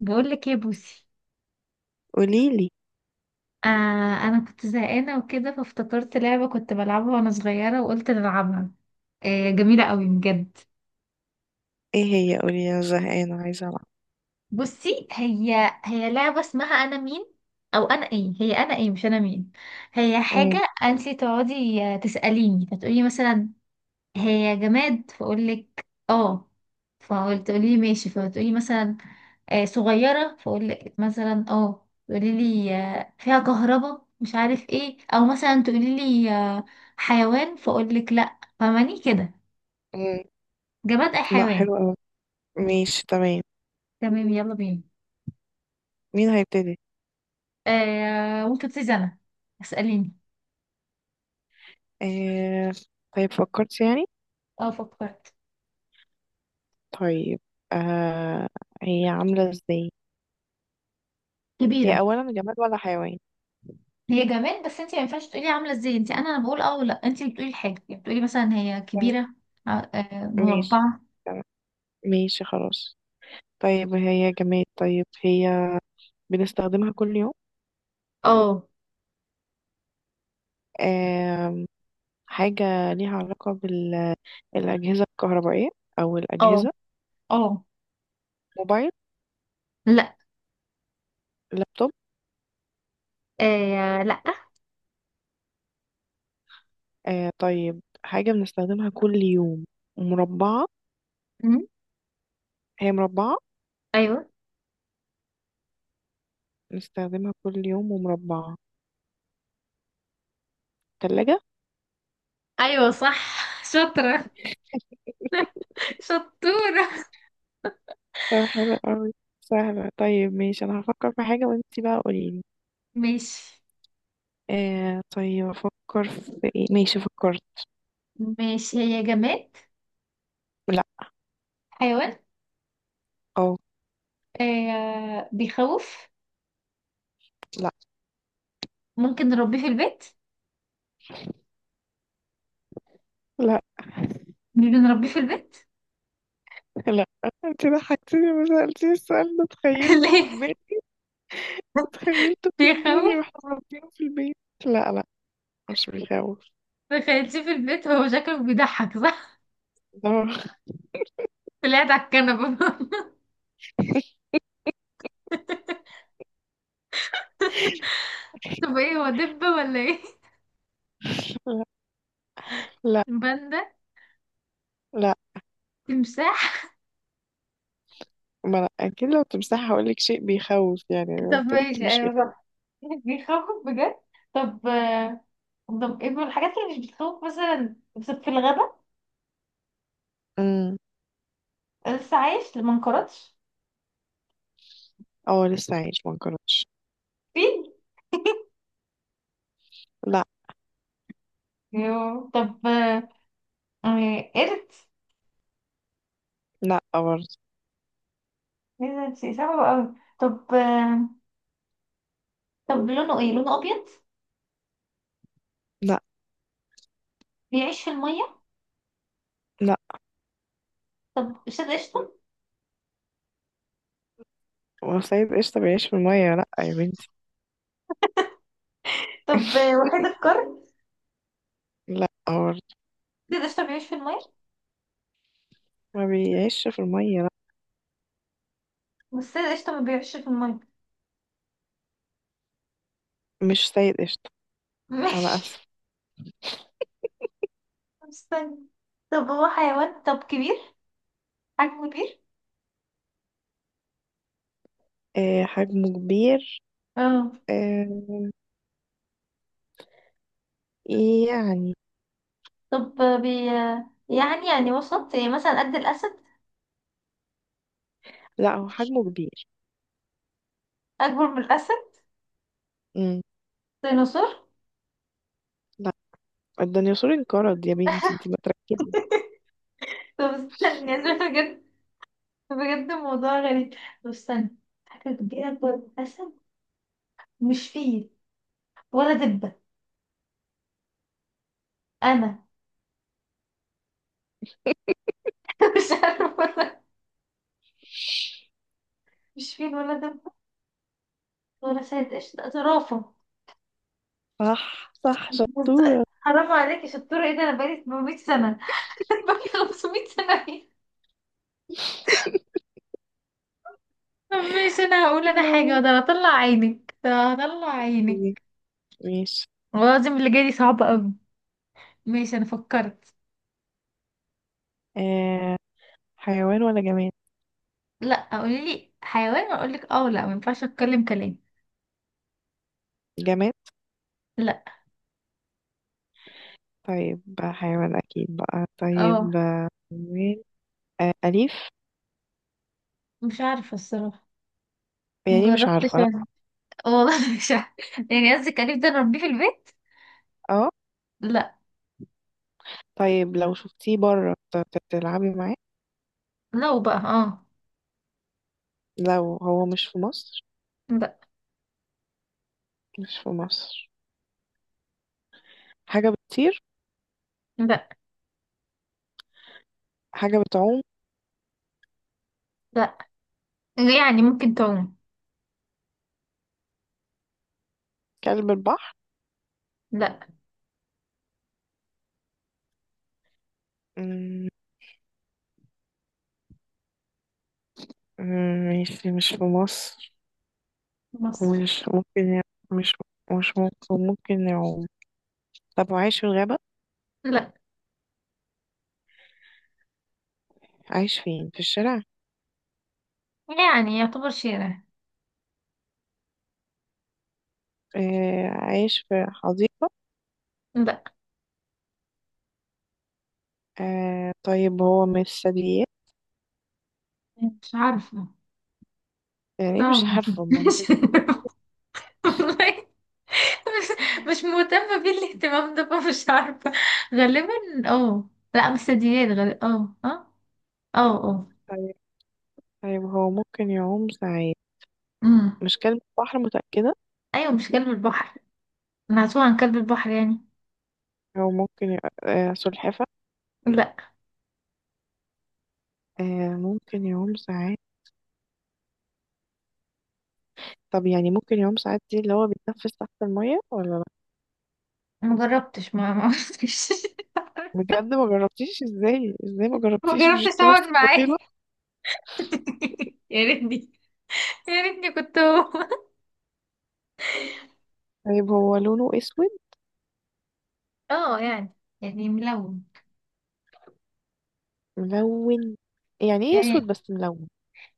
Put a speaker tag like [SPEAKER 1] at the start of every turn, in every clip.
[SPEAKER 1] بقول لك ايه يا بوسي؟
[SPEAKER 2] قوليلي.
[SPEAKER 1] آه، انا كنت زهقانه وكده، فافتكرت لعبه كنت بلعبها وانا صغيره وقلت نلعبها. آه جميله قوي بجد.
[SPEAKER 2] ايه هي؟ قولي، انا زهقانة عايزة العب.
[SPEAKER 1] بصي، هي لعبه اسمها انا مين، او انا ايه. هي انا ايه مش انا مين. هي
[SPEAKER 2] امم.
[SPEAKER 1] حاجه انت تقعدي تساليني، فتقولي مثلا هي جماد، فاقول لك اه. فقلت تقولي لي ماشي، فتقولي مثلا صغيرة، فأقول لك مثلا اه. تقولي لي فيها كهرباء مش عارف ايه، او مثلا تقولي لي حيوان، فأقول لك لا. فاهماني كده؟
[SPEAKER 2] امم.
[SPEAKER 1] جماد اي
[SPEAKER 2] لا،
[SPEAKER 1] حيوان.
[SPEAKER 2] حلو اوي. ماشي، تمام.
[SPEAKER 1] تمام، يلا بينا.
[SPEAKER 2] مين هيبتدي؟
[SPEAKER 1] آه، ممكن تبتدي انا. اسأليني.
[SPEAKER 2] آه... طيب فكرت يعني.
[SPEAKER 1] اه، فكرت.
[SPEAKER 2] طيب. آه... هي عاملة ازاي؟ هي
[SPEAKER 1] كبيرة.
[SPEAKER 2] اولا جماد ولا حيوان؟
[SPEAKER 1] هي جماد، بس انت ما ينفعش تقولي عاملة ازاي. انت انا بقول اه ولا انت اللي بتقولي الحاجة. يعني بتقولي مثلا هي
[SPEAKER 2] طيب،
[SPEAKER 1] كبيرة.
[SPEAKER 2] ماشي،
[SPEAKER 1] مربعة.
[SPEAKER 2] تمام. ماشي خلاص. طيب هي جماد. طيب هي بنستخدمها كل يوم.
[SPEAKER 1] اه.
[SPEAKER 2] آه... حاجة ليها علاقة بالأجهزة الكهربائية، أو
[SPEAKER 1] اه.
[SPEAKER 2] الأجهزة.
[SPEAKER 1] اه.
[SPEAKER 2] موبايل؟
[SPEAKER 1] لا.
[SPEAKER 2] لابتوب؟
[SPEAKER 1] آه لا.
[SPEAKER 2] طيب، حاجة بنستخدمها كل يوم ومربعة.
[SPEAKER 1] مم،
[SPEAKER 2] هي مربعة.
[SPEAKER 1] ايوه.
[SPEAKER 2] بنستخدمها كل يوم ومربعة. تلاجة.
[SPEAKER 1] ايوه صح. شاطرة. شطورة.
[SPEAKER 2] طيب، حلو قوي. سهلة. طيب ماشي، أنا هفكر في حاجة وانتي بقى قوليلي.
[SPEAKER 1] ماشي.
[SPEAKER 2] طيب، أفكر في ايه. ماشي، فكرت.
[SPEAKER 1] ماشي، هي جماد.
[SPEAKER 2] لا.
[SPEAKER 1] حيوان.
[SPEAKER 2] أو.
[SPEAKER 1] آه بيخوف؟
[SPEAKER 2] لا.
[SPEAKER 1] ممكن نربيه في البيت؟
[SPEAKER 2] لا.
[SPEAKER 1] مش بنربيه في البيت؟
[SPEAKER 2] لا، انتي ضحكتيني، ما سألتيش السؤال ده، تخيلته في
[SPEAKER 1] ليه؟
[SPEAKER 2] دماغي. تخيلته في دماغي
[SPEAKER 1] بيخوف.
[SPEAKER 2] واحنا مربينه في البيت. لا، لا، مش بيخوف.
[SPEAKER 1] بخليه في البيت، هو شكله بيضحك صح؟
[SPEAKER 2] ده.
[SPEAKER 1] طلع على الكنبة. طب ايه هو، دبة ولا ايه؟
[SPEAKER 2] لا، لا،
[SPEAKER 1] باندا؟
[SPEAKER 2] لا.
[SPEAKER 1] تمساح؟
[SPEAKER 2] ما أنا أكيد لو تمساح هقولك شيء بيخوف، يعني
[SPEAKER 1] طب
[SPEAKER 2] لو قلتلك
[SPEAKER 1] ماشي،
[SPEAKER 2] مش
[SPEAKER 1] ايوه
[SPEAKER 2] بيخوف.
[SPEAKER 1] صح. بيخوف بجد. طب طب ايه من الحاجات اللي مش بتخوف، مثلا بس في الغابة؟
[SPEAKER 2] امم.
[SPEAKER 1] لسه عايش ما انقرضش؟
[SPEAKER 2] اه، لسه عايش ما انقرضش.
[SPEAKER 1] فين؟
[SPEAKER 2] لا.
[SPEAKER 1] يو. طب قرد؟
[SPEAKER 2] لا برضه.
[SPEAKER 1] ايه ده، انتي صعبة قوي. طب طب لونه ايه، لونه ابيض؟
[SPEAKER 2] لا.
[SPEAKER 1] بيعيش في المية؟
[SPEAKER 2] لا،
[SPEAKER 1] طب استاذ قشطة.
[SPEAKER 2] هو الصيد قشطة بيعيش في المية؟ لا يا بنتي.
[SPEAKER 1] طب وحيد القرن؟
[SPEAKER 2] لا برضه.
[SPEAKER 1] استاذ قشطة بيعيش في المية.
[SPEAKER 2] ما بيعيش في المية، لا.
[SPEAKER 1] بس استاذ قشطة ما بيعيش في المية.
[SPEAKER 2] مش سيد قشطة، أنا
[SPEAKER 1] ماشي.
[SPEAKER 2] آسف.
[SPEAKER 1] استنى. طب هو حيوان، طب كبير، حجمه كبير.
[SPEAKER 2] حجمه كبير.
[SPEAKER 1] اه.
[SPEAKER 2] آه، يعني.
[SPEAKER 1] طب آه، بي آه، يعني وسط يعني، مثلا قد الاسد؟
[SPEAKER 2] لا، هو حجمه كبير.
[SPEAKER 1] اكبر من الاسد؟
[SPEAKER 2] مم.
[SPEAKER 1] ديناصور؟
[SPEAKER 2] لا، الديناصور انقرض يا بنتي، انتي ما تركزي.
[SPEAKER 1] طب استنى، يعني بجد، بجد الموضوع غريب. طب استنى، حاجة كبيرة أكبر من الأسد، مش فيل ولا دبة. أنا مش عارفة ولا. مش فيل ولا دبة ولا شاهد قشطة. زرافة؟
[SPEAKER 2] صح، صح،
[SPEAKER 1] بص-
[SPEAKER 2] شطورة.
[SPEAKER 1] حرام عليكي، شطورة ايه ده، أنا بقالي 800 سنة. بقالي 500 سنة. ايه، مش أنا هقول
[SPEAKER 2] يا
[SPEAKER 1] أنا حاجة، ده
[SPEAKER 2] لهوي.
[SPEAKER 1] أنا هطلع عينك، ده هطلع عينك.
[SPEAKER 2] ماشي.
[SPEAKER 1] والله العظيم اللي جاي دي صعبة أوي. ماشي، أنا فكرت.
[SPEAKER 2] آه حيوان ولا جماد؟
[SPEAKER 1] لأ، قولي لي حيوان وأقول لك اه، لأ مينفعش أتكلم كلام.
[SPEAKER 2] جماد.
[SPEAKER 1] لأ.
[SPEAKER 2] طيب بقى حيوان اكيد، بقى
[SPEAKER 1] اه.
[SPEAKER 2] طيب. حيوان. اليف؟
[SPEAKER 1] مش عارفة الصراحة.
[SPEAKER 2] يعني مش
[SPEAKER 1] مجربتش
[SPEAKER 2] عارفة، لا.
[SPEAKER 1] أنا. والله مش عارفة. يعني قصدك أليف، ده أنا أربيه في البيت؟
[SPEAKER 2] اه.
[SPEAKER 1] لأ.
[SPEAKER 2] طيب لو شفتيه بره تلعبي معاه.
[SPEAKER 1] لو بقى اه.
[SPEAKER 2] لو هو مش في مصر.
[SPEAKER 1] لا.
[SPEAKER 2] مش في مصر. حاجة بتطير؟
[SPEAKER 1] لا.
[SPEAKER 2] حاجة بتعوم؟
[SPEAKER 1] لا. يعني ممكن تعوم.
[SPEAKER 2] كلب البحر؟
[SPEAKER 1] لا.
[SPEAKER 2] مم. مم. ماشي، مش في مصر.
[SPEAKER 1] مصر.
[SPEAKER 2] مش ممكن يع- مش مش، ممكن يعوم. طب وعايش في الغابة؟
[SPEAKER 1] لا.
[SPEAKER 2] عايش فين، في الشارع؟
[SPEAKER 1] يعني يعتبر شارع.
[SPEAKER 2] عايش في حديقة؟
[SPEAKER 1] لا.
[SPEAKER 2] طيب هو مش ثدييات؟
[SPEAKER 1] مش عارفة.
[SPEAKER 2] يعني مش
[SPEAKER 1] طبعا
[SPEAKER 2] عارفة ما أنا
[SPEAKER 1] مش.
[SPEAKER 2] بالكبير.
[SPEAKER 1] والله. مش. مش مهتمة بيه الاهتمام ده، فمش عارفة. غالبا. اه. لا مستديات غالبا، اه اه. اه اه.
[SPEAKER 2] طيب. طيب هو ممكن يعوم ساعات.
[SPEAKER 1] امم.
[SPEAKER 2] مش كلب بحر، متأكدة.
[SPEAKER 1] ايوه مش كلب البحر. انا هتوه عن كلب البحر يعني.
[SPEAKER 2] هو ممكن ي... آه سلحفة؟
[SPEAKER 1] لا.
[SPEAKER 2] آه. ممكن يعوم ساعات. طب يعني ممكن يعوم ساعات دي اللي هو بيتنفس تحت المية ولا لا؟
[SPEAKER 1] مجربتش ما ما
[SPEAKER 2] بجد ما جربتيش؟ ازاي ازاي ما
[SPEAKER 1] ما
[SPEAKER 2] جربتيش؟ مش
[SPEAKER 1] جربتش
[SPEAKER 2] انتوا نفس
[SPEAKER 1] اقعد معاه.
[SPEAKER 2] الطفيلة؟
[SPEAKER 1] يا ريتني، يا ريتني كنت هو.
[SPEAKER 2] طيب هو لونه اسود؟
[SPEAKER 1] اه يعني، يعني ملون.
[SPEAKER 2] ملون. يعني ايه
[SPEAKER 1] يعني
[SPEAKER 2] اسود بس ملون؟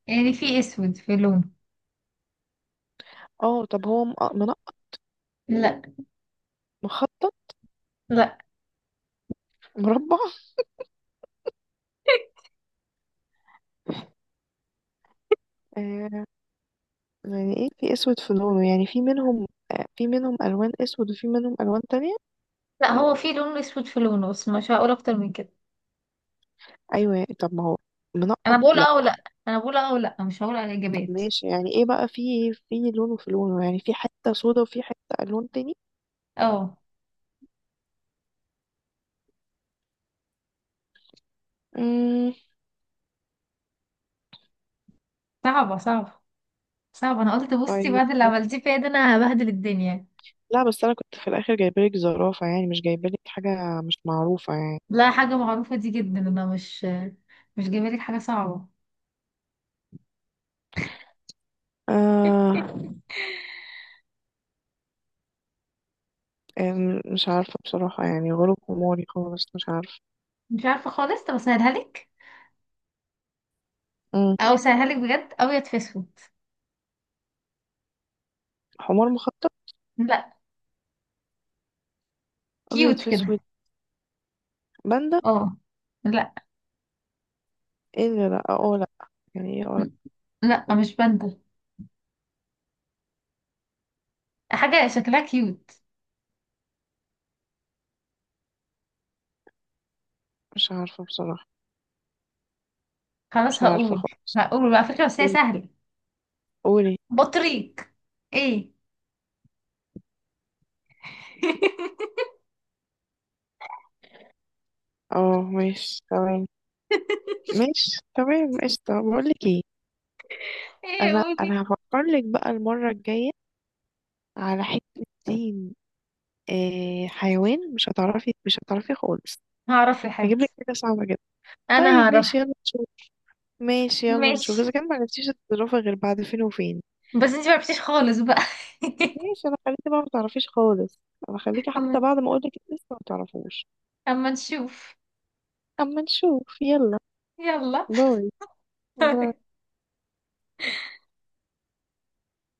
[SPEAKER 1] في اسود في لونه.
[SPEAKER 2] اه. طب هو
[SPEAKER 1] لا.
[SPEAKER 2] مخطط؟
[SPEAKER 1] لا.
[SPEAKER 2] مربع؟ آه. يعني ايه في اسود في لونه؟ يعني في منهم، في منهم الوان اسود وفي منهم الوان تانية؟
[SPEAKER 1] لا هو في لون اسود في لونه، بس مش هقول اكتر من كده.
[SPEAKER 2] ايوه يعني. طب ما هو
[SPEAKER 1] انا
[SPEAKER 2] منقط،
[SPEAKER 1] بقول
[SPEAKER 2] لا.
[SPEAKER 1] اه ولا انا بقول اه، ولا مش هقول على الاجابات.
[SPEAKER 2] ماشي، يعني ايه بقى في لونه، يعني في حته سودا وفي حته الوان تاني.
[SPEAKER 1] اه.
[SPEAKER 2] امم.
[SPEAKER 1] صعبه صعبه. انا قلت بصي،
[SPEAKER 2] طيب.
[SPEAKER 1] بعد اللي عملتيه فيا ده انا هبهدل الدنيا.
[SPEAKER 2] لا، بس انا كنت في الاخر جايبالك زرافه، يعني مش جايبالك حاجه مش معروفه يعني.
[SPEAKER 1] لا حاجه معروفه دي جدا، انا مش، مش جايبه لك حاجه صعبه.
[SPEAKER 2] آه. مش عارفه بصراحه، يعني غروب حماري خالص، مش عارفه.
[SPEAKER 1] مش عارفه خالص. طب اسهلها لك،
[SPEAKER 2] مم.
[SPEAKER 1] او اسهلها لك بجد: ابيض في اسود.
[SPEAKER 2] حمار مخطط.
[SPEAKER 1] لا.
[SPEAKER 2] ابيض
[SPEAKER 1] كيوت
[SPEAKER 2] في اسود.
[SPEAKER 1] كده.
[SPEAKER 2] باندا؟
[SPEAKER 1] اه. لا.
[SPEAKER 2] ايه ده، لا، اه، لا. يعني ايه، اه، لا.
[SPEAKER 1] لا مش باندا. حاجة شكلها كيوت.
[SPEAKER 2] مش عارفه بصراحه. مش
[SPEAKER 1] خلاص
[SPEAKER 2] عارفة
[SPEAKER 1] هقول.
[SPEAKER 2] خالص.
[SPEAKER 1] هقول بقى فكرة بس هي
[SPEAKER 2] قولي.
[SPEAKER 1] سهلة.
[SPEAKER 2] قولي.
[SPEAKER 1] بطريق. ايه.
[SPEAKER 2] اه، ماشي، تمام. ماشي، تمام، قشطة. بقولك ايه،
[SPEAKER 1] ايه
[SPEAKER 2] انا
[SPEAKER 1] قولي.
[SPEAKER 2] انا هفكرلك بقى المرة الجاية على حتة دين. حيوان، مش هتعرفي، مش هتعرفي خالص.
[SPEAKER 1] هعرف يا
[SPEAKER 2] هجيب لك
[SPEAKER 1] حبيبتي.
[SPEAKER 2] حاجة صعبة جدا.
[SPEAKER 1] انا
[SPEAKER 2] طيب ماشي،
[SPEAKER 1] هعرف.
[SPEAKER 2] يلا نشوف. ماشي يلا نشوف اذا
[SPEAKER 1] ماشي،
[SPEAKER 2] كان ما عرفتيش تتصرفي غير بعد فين وفين.
[SPEAKER 1] بس انتي معرفتيش خالص بقى.
[SPEAKER 2] ماشي، انا خليكي بقى ما تعرفيش خالص. انا خليكي حتى
[SPEAKER 1] اما،
[SPEAKER 2] بعد ما اقولك لسه ما تعرفوش.
[SPEAKER 1] اما نشوف.
[SPEAKER 2] اما نشوف. يلا.
[SPEAKER 1] يلا.
[SPEAKER 2] باي. باي.